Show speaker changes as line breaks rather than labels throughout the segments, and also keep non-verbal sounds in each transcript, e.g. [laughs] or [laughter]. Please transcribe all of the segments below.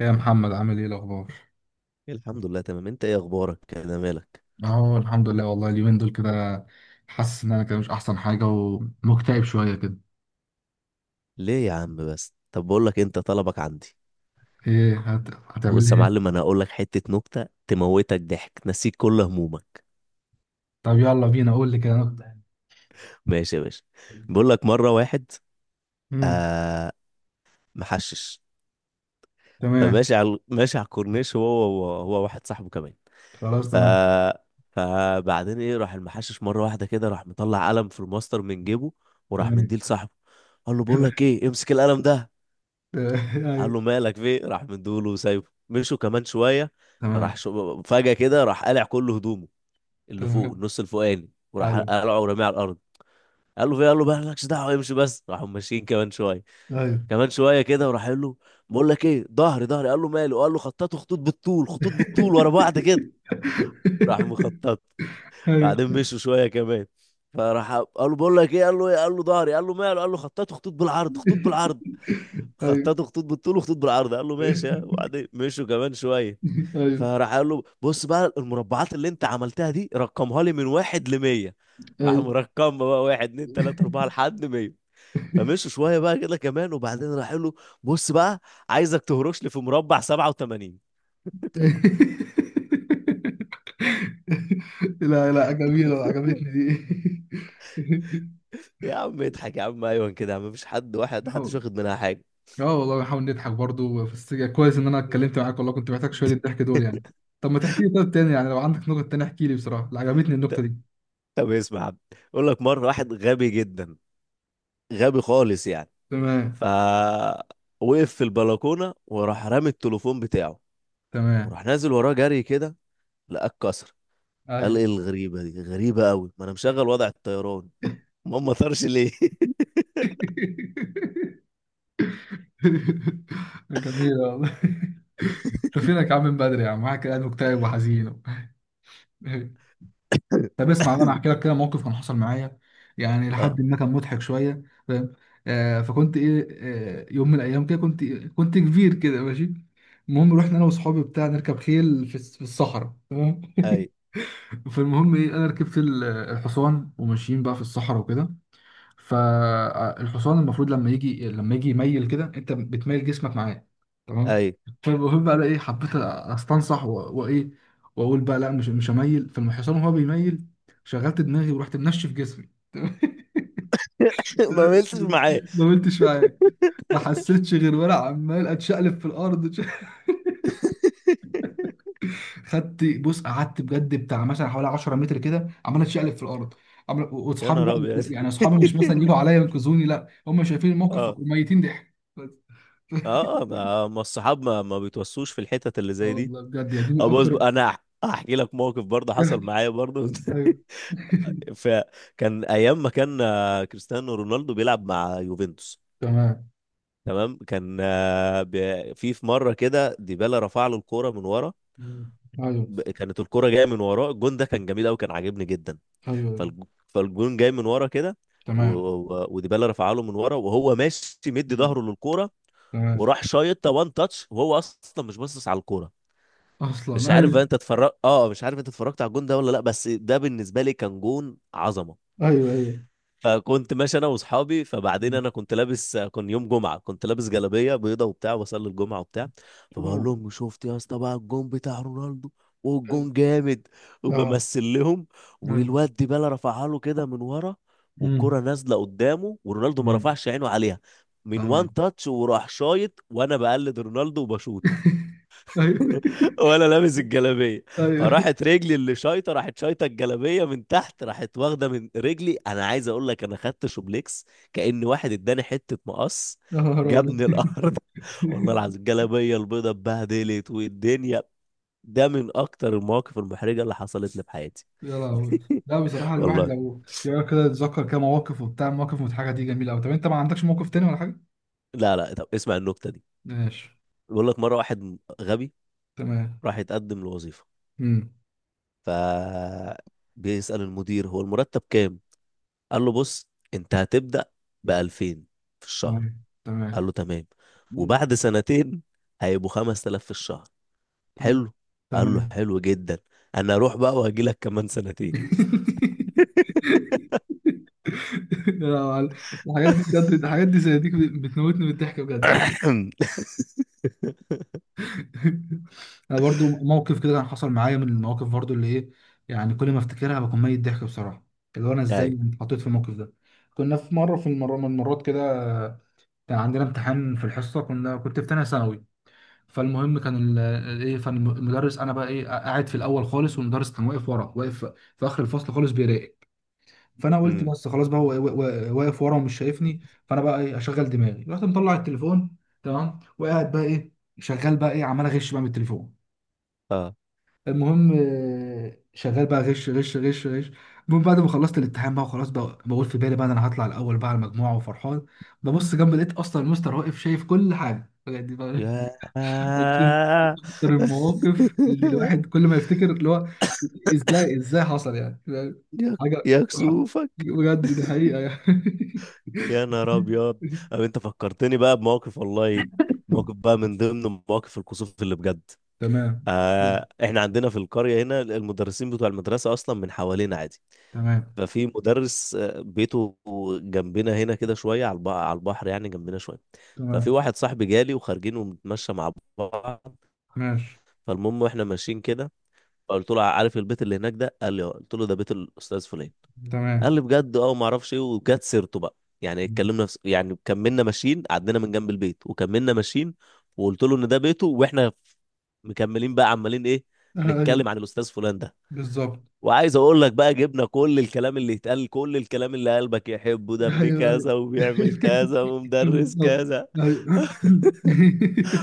يا محمد، عامل ايه الاخبار؟
الحمد لله، تمام. انت ايه اخبارك كده؟ مالك
اهو الحمد لله. والله اليومين دول كده حاسس ان انا كده مش احسن حاجه ومكتئب شويه كده.
ليه يا عم؟ بس، طب بقول لك، انت طلبك عندي.
ايه هتعمل
بص يا
ايه؟
معلم، انا هقول لك حته نكته تموتك ضحك، تنسيك كل همومك.
طب يلا بينا، قول لي كده نبدأ.
ماشي يا باشا. بقول لك مره واحد.
امم.
آه. محشش.
تمام.
فماشي على الكورنيش، هو واحد صاحبه كمان.
خلاص،
ف
تمام.
فبعدين ايه، راح المحشش مره واحده كده، راح مطلع قلم في الماستر من جيبه، وراح
تمام.
مديه لصاحبه. قال له بقول لك
[laughs]
ايه، امسك القلم ده. قال
ايوه.
له مالك، في إيه؟ راح مدوله وسايبه، مشوا كمان شويه. راح
تمام.
فجاه كده راح قلع كل هدومه، اللي فوق
تمام.
النص الفوقاني، وراح
ايوه.
قلعه ورميه على الارض. قال له في إيه؟ قال له بقى مالكش دعوه، امشي بس. راحوا ماشيين كمان شويه،
ايوه. [laughs]
كمان شويه كده، وراح قال له: بقول لك ايه، ظهري، ظهري. قال له ماله؟ قال له خططوا خطوط بالطول، خطوط بالطول ورا بعض كده. راح مخطط.
ايوه،
بعدين مشوا شويه كمان. فراح قال له بقول لك ايه. قال له ايه؟ قال له ظهري. قال له ماله؟ قال له خططوا خطوط بالعرض، خطوط بالعرض.
ايوه،
خططوا خطوط بالطول وخطوط بالعرض. قال له ماشي، ها. وبعدين مشوا كمان شويه.
ايوه،
فراح قال له بص بقى، المربعات اللي انت عملتها دي، رقمها لي من واحد لمية. راح
ايوه.
مرقم بقى، واحد اتنين تلاتة أربعة لحد 100. فمشوا شوية بقى كده كمان، وبعدين راح قال له: بص بقى، عايزك تهرش لي في مربع 87.
[laughs] لا لا، جميلة، عجبتني دي. [laughs]
يا عم اضحك، يا عم أيوة كده يا عم، مفيش حد، واحد
اه.
محدش واخد منها حاجة.
آه والله، بنحاول نضحك برضو في السجن. كويس ان انا اتكلمت معاك والله، كنت محتاج شوية
[laughs]
الضحك دول يعني. طب ما تحكي لي طب تاني يعني، لو عندك نقط تانية احكي لي بصراحة، لا عجبتني النقطة
ط-
دي.
طب اسمع يا عم. يقول لك مرة واحد غبي جدا، غبي خالص يعني. ف
تمام.
وقف في البلكونة وراح رامي التليفون بتاعه.
تمام.
وراح نازل وراه جري كده، لقاه اتكسر. قال
ايوه.
ايه الغريبة دي؟ غريبة قوي، ما انا مشغل وضع الطيران، ما طارش ليه.
[laughs] جميلة والله. انت فينك يا عم من بدري يا عم، معاك قاعد مكتئب وحزين. [laughs] طب اسمع بقى، انا هحكي
[laughs]
لك كده موقف كان حصل معايا، يعني
اه،
لحد ما كان مضحك شويه. فاهم؟ فكنت ايه. آه، يوم من الايام كده كنت كبير كده ماشي. المهم رحنا انا واصحابي بتاع نركب خيل في في الصحراء، تمام.
اي،
[laughs] فالمهم ايه، انا ركبت الحصان وماشيين بقى في الصحراء وكده. فالحصان المفروض لما يجي يميل كده، انت بتميل جسمك معاه. تمام.
اي.
فالمهم بقى ايه، حبيت استنصح وايه، واقول بقى لا، مش هميل. فالحصان وهو بيميل، شغلت دماغي ورحت منشف جسمي.
[laughs] ما
[laughs]
ملتش معاه.
ما قلتش معاه. ما حسيتش غير وانا عمال اتشقلب في الارض.
[laughs]
[laughs] خدت بص، قعدت بجد بتاع مثلا حوالي 10 متر كده عمال اتشقلب في الارض. عمال،
يا
واصحابي بقى
نهار ابيض.
يعني
[laughs]
اصحابي مش مثلا يجوا عليا ينقذوني، لا، هم شايفين الموقف
اه،
وميتين ضحك بس.
اه، ما الصحاب ما بيتوسوش في الحتت اللي
اه
زي دي.
والله بجد، يعني دي من
اه، بص
اكتر.
بقى، انا احكي لك موقف برضه حصل
[laughs]
معايا برضه. [laughs]
ايوه.
فكان ايام ما كان كريستيانو رونالدو بيلعب مع يوفنتوس.
تمام.
تمام. كان في مره كده ديبالا رفع له الكوره من ورا.
ايوه.
كانت الكرة جاية من وراه، الجون ده كان جميل قوي، كان عاجبني جدا.
ايوه.
فالجون جاي من ورا كده.
تمام.
وديبالا رفع له من ورا، وهو ماشي مدي ظهره للكرة.
تمام.
وراح شايطها وان تاتش، وهو اصلا مش باصص على الكرة. مش
اصلا
عارف
ايوه.
بقى انت اتفرجت اه مش عارف انت اتفرجت على الجون ده ولا لا، بس ده بالنسبة لي كان جون عظمة.
ايوه. ايوه.
فكنت ماشي انا واصحابي. فبعدين انا كنت لابس كان يوم جمعه، كنت لابس جلابيه بيضه وبتاع، وبصلي الجمعه وبتاع. فبقول
تمام.
لهم شفت يا اسطى بقى الجون بتاع رونالدو؟ والجون جامد.
اه.
وبمثل لهم.
ايوه.
والواد ديبالا رفعها له كده من ورا.
أمم.
والكره نازله قدامه، ورونالدو ما
تمام.
رفعش عينه عليها. من وان
تمام.
تاتش وراح شايط، وانا بقلد رونالدو وبشوط.
ايوه.
ولا لابس الجلابيه.
[laughs] ايوه.
فراحت رجلي اللي شايطه، راحت شايطه الجلابيه من تحت، راحت واخده من رجلي، انا عايز اقول لك انا خدت شوبليكس، كأن واحد اداني حته مقص،
يا نهار
جابني
ابيض.
الارض. [laughs] والله
[laughs]
العظيم الجلابيه البيضه اتبهدلت والدنيا. ده من اكتر المواقف المحرجه اللي حصلت لي في حياتي
يا لهوي. لا بصراحة، الواحد
والله.
لو يقعد كده يتذكر كده مواقف وبتاع، مواقف مضحكة دي جميلة أوي. طب أنت ما عندكش موقف تاني ولا حاجة؟
لا، لا، طب اسمع النكته دي.
ماشي.
بيقول لك مره واحد غبي
تمام.
راح يتقدم لوظيفه.
امم.
ف بيسأل المدير هو المرتب كام. قال له بص، انت هتبدأ ب 2000 في الشهر.
تمام. تمام.
قال له تمام.
امم.
وبعد سنتين هيبقوا 5000 في الشهر.
تمام.
حلو. قال له
تمام.
حلو جدا. انا اروح بقى وهجي لك كمان سنتين.
[laughs] لا يا معلم. الحاجات دي بجد، الحاجات دي زي دي بتموتني من الضحك بجد.
[coughs]
[laughs] انا برضو موقف كده كان حصل معايا، من المواقف برضو اللي ايه، يعني كل ما افتكرها بكون ميت ضحك بصراحه، اللي هو انا
ايوه.
ازاي اتحطيت في الموقف ده. كنا في المره من المرات كده كان عندنا امتحان في الحصه، كنت في تانيه ثانوي. فالمهم كان ايه، فالمدرس انا بقى ايه قاعد في الاول خالص، والمدرس كان واقف ورا، واقف في اخر الفصل خالص بيراقب. فانا قلت
امم.
بس خلاص بقى، هو واقف ورا ومش شايفني. فانا بقى ايه اشغل دماغي، رحت مطلع التليفون. تمام. وقاعد بقى ايه شغال بقى ايه عمال اغش بقى من التليفون.
اه.
المهم شغال بقى غش غش غش غش. المهم بعد ما خلصت الامتحان بقى وخلاص، بقى بقول في بالي بقى إن انا هطلع الاول بقى على المجموعه وفرحان. ببص جنب، لقيت اصلا المستر واقف شايف كل حاجه بجد بقى.
يا.
[laughs]
[laughs]
أقسم- أكتر المواقف اللي الواحد كل ما يفتكر اللي هو إزاي، إزاي حصل يعني؟ فاهم؟
يا
حاجة.
يا كسوفك.
بجد دي حقيقة يعني.
يا نهار ابيض.
[laughs]
أو انت فكرتني بقى بموقف، والله. موقف بقى من ضمن مواقف الكسوف اللي بجد.
تمام.
احنا عندنا في القرية هنا المدرسين بتوع المدرسة اصلا من حوالينا عادي.
تمام.
ففي مدرس بيته جنبنا هنا كده شوية، على البحر يعني جنبنا شوية.
تمام.
ففي واحد صاحبي جالي، وخارجين وبنتمشى مع بعض.
ماشي.
فالمهم واحنا ماشيين كده، فقلت له عارف البيت اللي هناك ده؟ قال لي آه. قلت له ده بيت الاستاذ فلان. قال
تمام.
لي بجد، اه، وما اعرفش ايه، وجت سيرته بقى. يعني كملنا ماشيين عدينا من جنب البيت وكملنا ماشيين. وقلت له ان ده بيته، واحنا مكملين بقى، عمالين ايه؟
أيوه.
نتكلم عن الاستاذ فلان ده.
بالظبط.
وعايز اقول لك بقى، جبنا كل الكلام اللي يتقال، كل الكلام اللي قلبك يحبه، ده ابن
أيوه، أيوه.
كذا، وبيعمل
[laughs]
كذا، ومدرس
بالظبط.
كذا،
أيوه.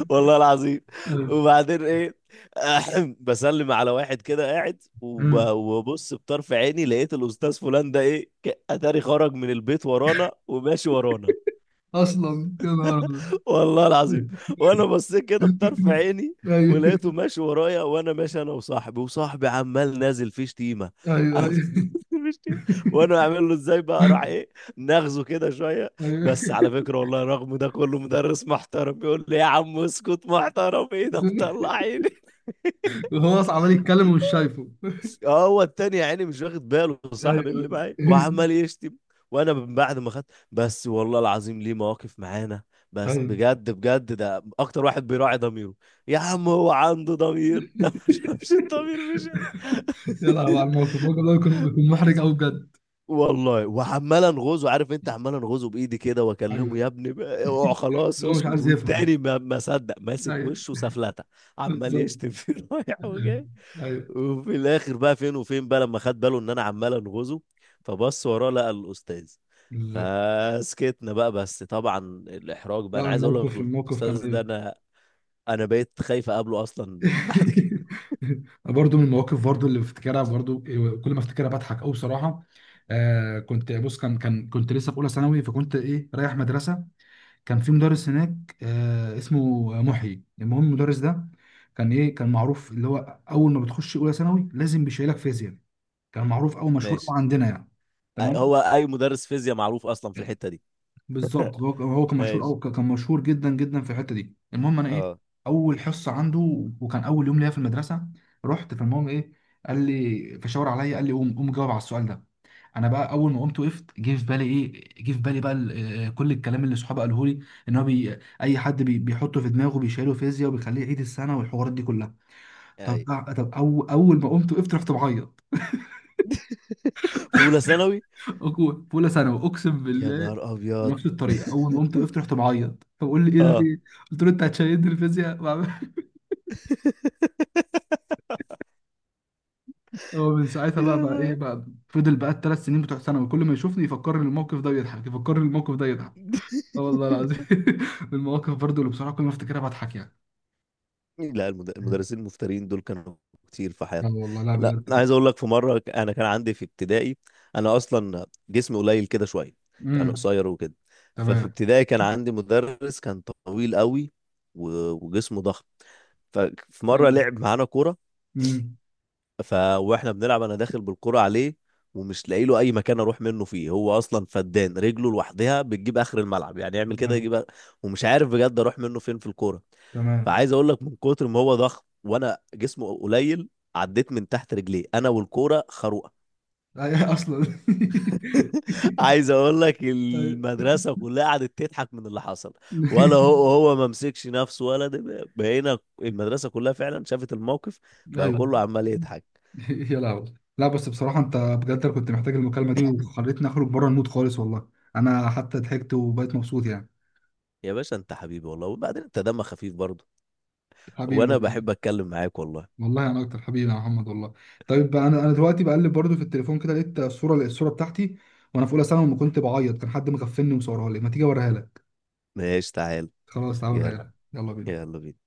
والله العظيم.
[laughs]
وبعدين ايه، بسلم على واحد كده قاعد،
أيوه،
وببص بطرف عيني، لقيت الاستاذ فلان ده ايه، اتاري خرج من البيت ورانا وماشي ورانا.
أصلا يا نهار أبيض.
والله العظيم. وانا بصيت كده بطرف
[laughs]
عيني،
أيوه،
ولقيته ماشي ورايا، وانا ماشي انا وصاحبي، وصاحبي عمال نازل فيه شتيمه.
أيوه،
عمال
أيوه.
[laughs] نازل فيه شتيمة. وانا اعمل له ازاي بقى، راح
[laughs]
ايه، ناخذه كده شويه.
أيوه.
بس على فكره والله، رغم ده كله مدرس محترم، بيقول لي يا عم اسكت، محترم ايه ده،
[laughs]
مطلعيني.
وهو اصلا عمال يتكلم ومش شايفه.
اه، هو التاني يا عيني مش واخد باله،
ايوه،
صاحب اللي معايا
ايوه. [laughs]
وعمال يشتم. وانا من بعد ما خدت. بس والله العظيم ليه مواقف معانا، بس
ايوه.
بجد بجد ده اكتر واحد بيراعي ضميره. يا عم، هو عنده ضمير؟ [laughs] ده ما شافش الضمير مشاني.
يا لهوي على
[laughs]
الموقف ده بيكون محرج قوي بجد.
والله وعمال انغزه، عارف انت عمال انغزه بايدي كده، واكلمه
ايوه،
يا ابني اوعى، خلاص
هو مش
اسكت،
عايز يفهم.
والتاني ما صدق ماسك وشه
ايوه.
سفلته. عمال
بالظبط.
يشتم فيه. [laughs] رايح وجاي.
ايوه.
وفي الاخر بقى، فين وفين بقى، لما خد باله ان انا عمال انغزه. فبص وراه لقى الاستاذ.
بالظبط.
فسكتنا بقى، بس طبعا الاحراج بقى،
لا،
انا عايز اقول
الموقف
لك،
الموقف كان
الاستاذ ده
ايوه.
انا بقيت خايف اقابله اصلا بعد كده.
[laughs] برضو من المواقف برضو اللي بفتكرها برضو كل ما افتكرها بضحك قوي بصراحه. آه، كنت بص، كان كان كنت لسه في اولى ثانوي، فكنت ايه رايح مدرسه. كان في مدرس هناك اسمه محيي. المهم المدرس ده كان ايه، كان معروف اللي هو اول ما بتخش اولى ثانوي لازم بيشيلك فيزياء، كان معروف او
[laughs]
مشهور
ماشي.
أوي عندنا يعني. تمام.
هو اي مدرس فيزياء معروف اصلا في الحتة دي.
بالظبط. هو
[laughs]
كان مشهور
ماشي.
او كان مشهور جدا جدا في الحته دي. المهم انا ايه،
اه.
اول حصه عنده وكان اول يوم ليا في المدرسه. رحت فالمهم ايه، قال لي فشاور عليا، قال لي قوم قوم جاوب على السؤال ده. انا بقى اول ما قمت وقفت، جه في بالي ايه، جه في بالي بقى كل الكلام اللي صحابي قاله لي، ان هو بي اي حد بيحطه في دماغه بيشيله فيزياء وبيخليه يعيد السنه والحوارات دي كلها. طب
اي.
طب أو اول ما قمت وقفت رحت بعيط.
[laughs] في اولى ثانوي؟
[laughs] في اولى ثانوي اقسم
يا
بالله.
نهار ابيض!
نفس الطريقه اول ما قمت
[laughs]
وقفت رحت بعيط، فبقول لي ايه ده في
اه.
ايه. قلت له انت هتشيلني الفيزياء. [laughs]
[laughs]
هو من ساعتها
يا
بقى ايه
نهار.
بقى، فضل بقى الثلاث سنين بتوع ثانوي كل ما يشوفني يفكرني الموقف ده ويضحك، يفكرني الموقف ده يضحك. اه والله
[laughs]
العظيم. [laughs] المواقف برضو اللي بصراحه كل ما افتكرها بضحك يعني.
لا، المدرسين المفترين دول كانوا كتير في
لا
حياتنا.
والله لا
لا،
بجد
انا
كده.
عايز اقول لك في مره، انا كان عندي في ابتدائي. انا اصلا جسمي قليل كده شويه، يعني
امم.
قصير وكده. ففي
تمام.
ابتدائي كان عندي مدرس كان طويل قوي، وجسمه ضخم. ففي
تمام.
مره لعب معانا كوره.
امم.
ف واحنا بنلعب، انا داخل بالكرة عليه. ومش لاقي له اي مكان اروح منه فيه، هو اصلا فدان، رجله لوحدها بتجيب اخر الملعب، يعني يعمل كده
تمام.
يجيب ومش عارف بجد اروح منه فين في الكرة.
تمام.
فعايز اقول لك من كتر ما هو ضخم، وانا جسمه قليل، عديت من تحت رجليه انا والكوره خروقه.
[laughs] اصلا.
[laughs] عايز اقول لك
[laughs] أي.
المدرسه كلها قعدت تضحك من اللي حصل. ولا
[laughs]
هو ما مسكش نفسه، ولا ده، بقينا المدرسه كلها فعلا شافت الموقف. بقى
ايوه.
كله عمال يضحك.
[laughs] يا لهوي. لا، بس بصراحة انت بجد، أنا كنت محتاج المكالمة دي، وخلتني اخرج بره المود خالص والله. انا حتى ضحكت وبقيت مبسوط يعني.
يا باشا انت حبيبي والله، وبعدين انت دمك خفيف برضه.
حبيبي
وانا
والله.
بحب اتكلم معاك والله.
والله انا اكتر، حبيبي يا محمد والله. طيب، انا دلوقتي بقلب برضو في التليفون كده، لقيت الصورة بتاعتي وانا في اولى ثانوي لما كنت بعيط. كان حد مغفلني وصورها لي. ما تيجي اوريها لك؟
ماشي، تعال.
خلاص تعالى اوريها
يلا،
لك. يلا بينا.
يلا بينا.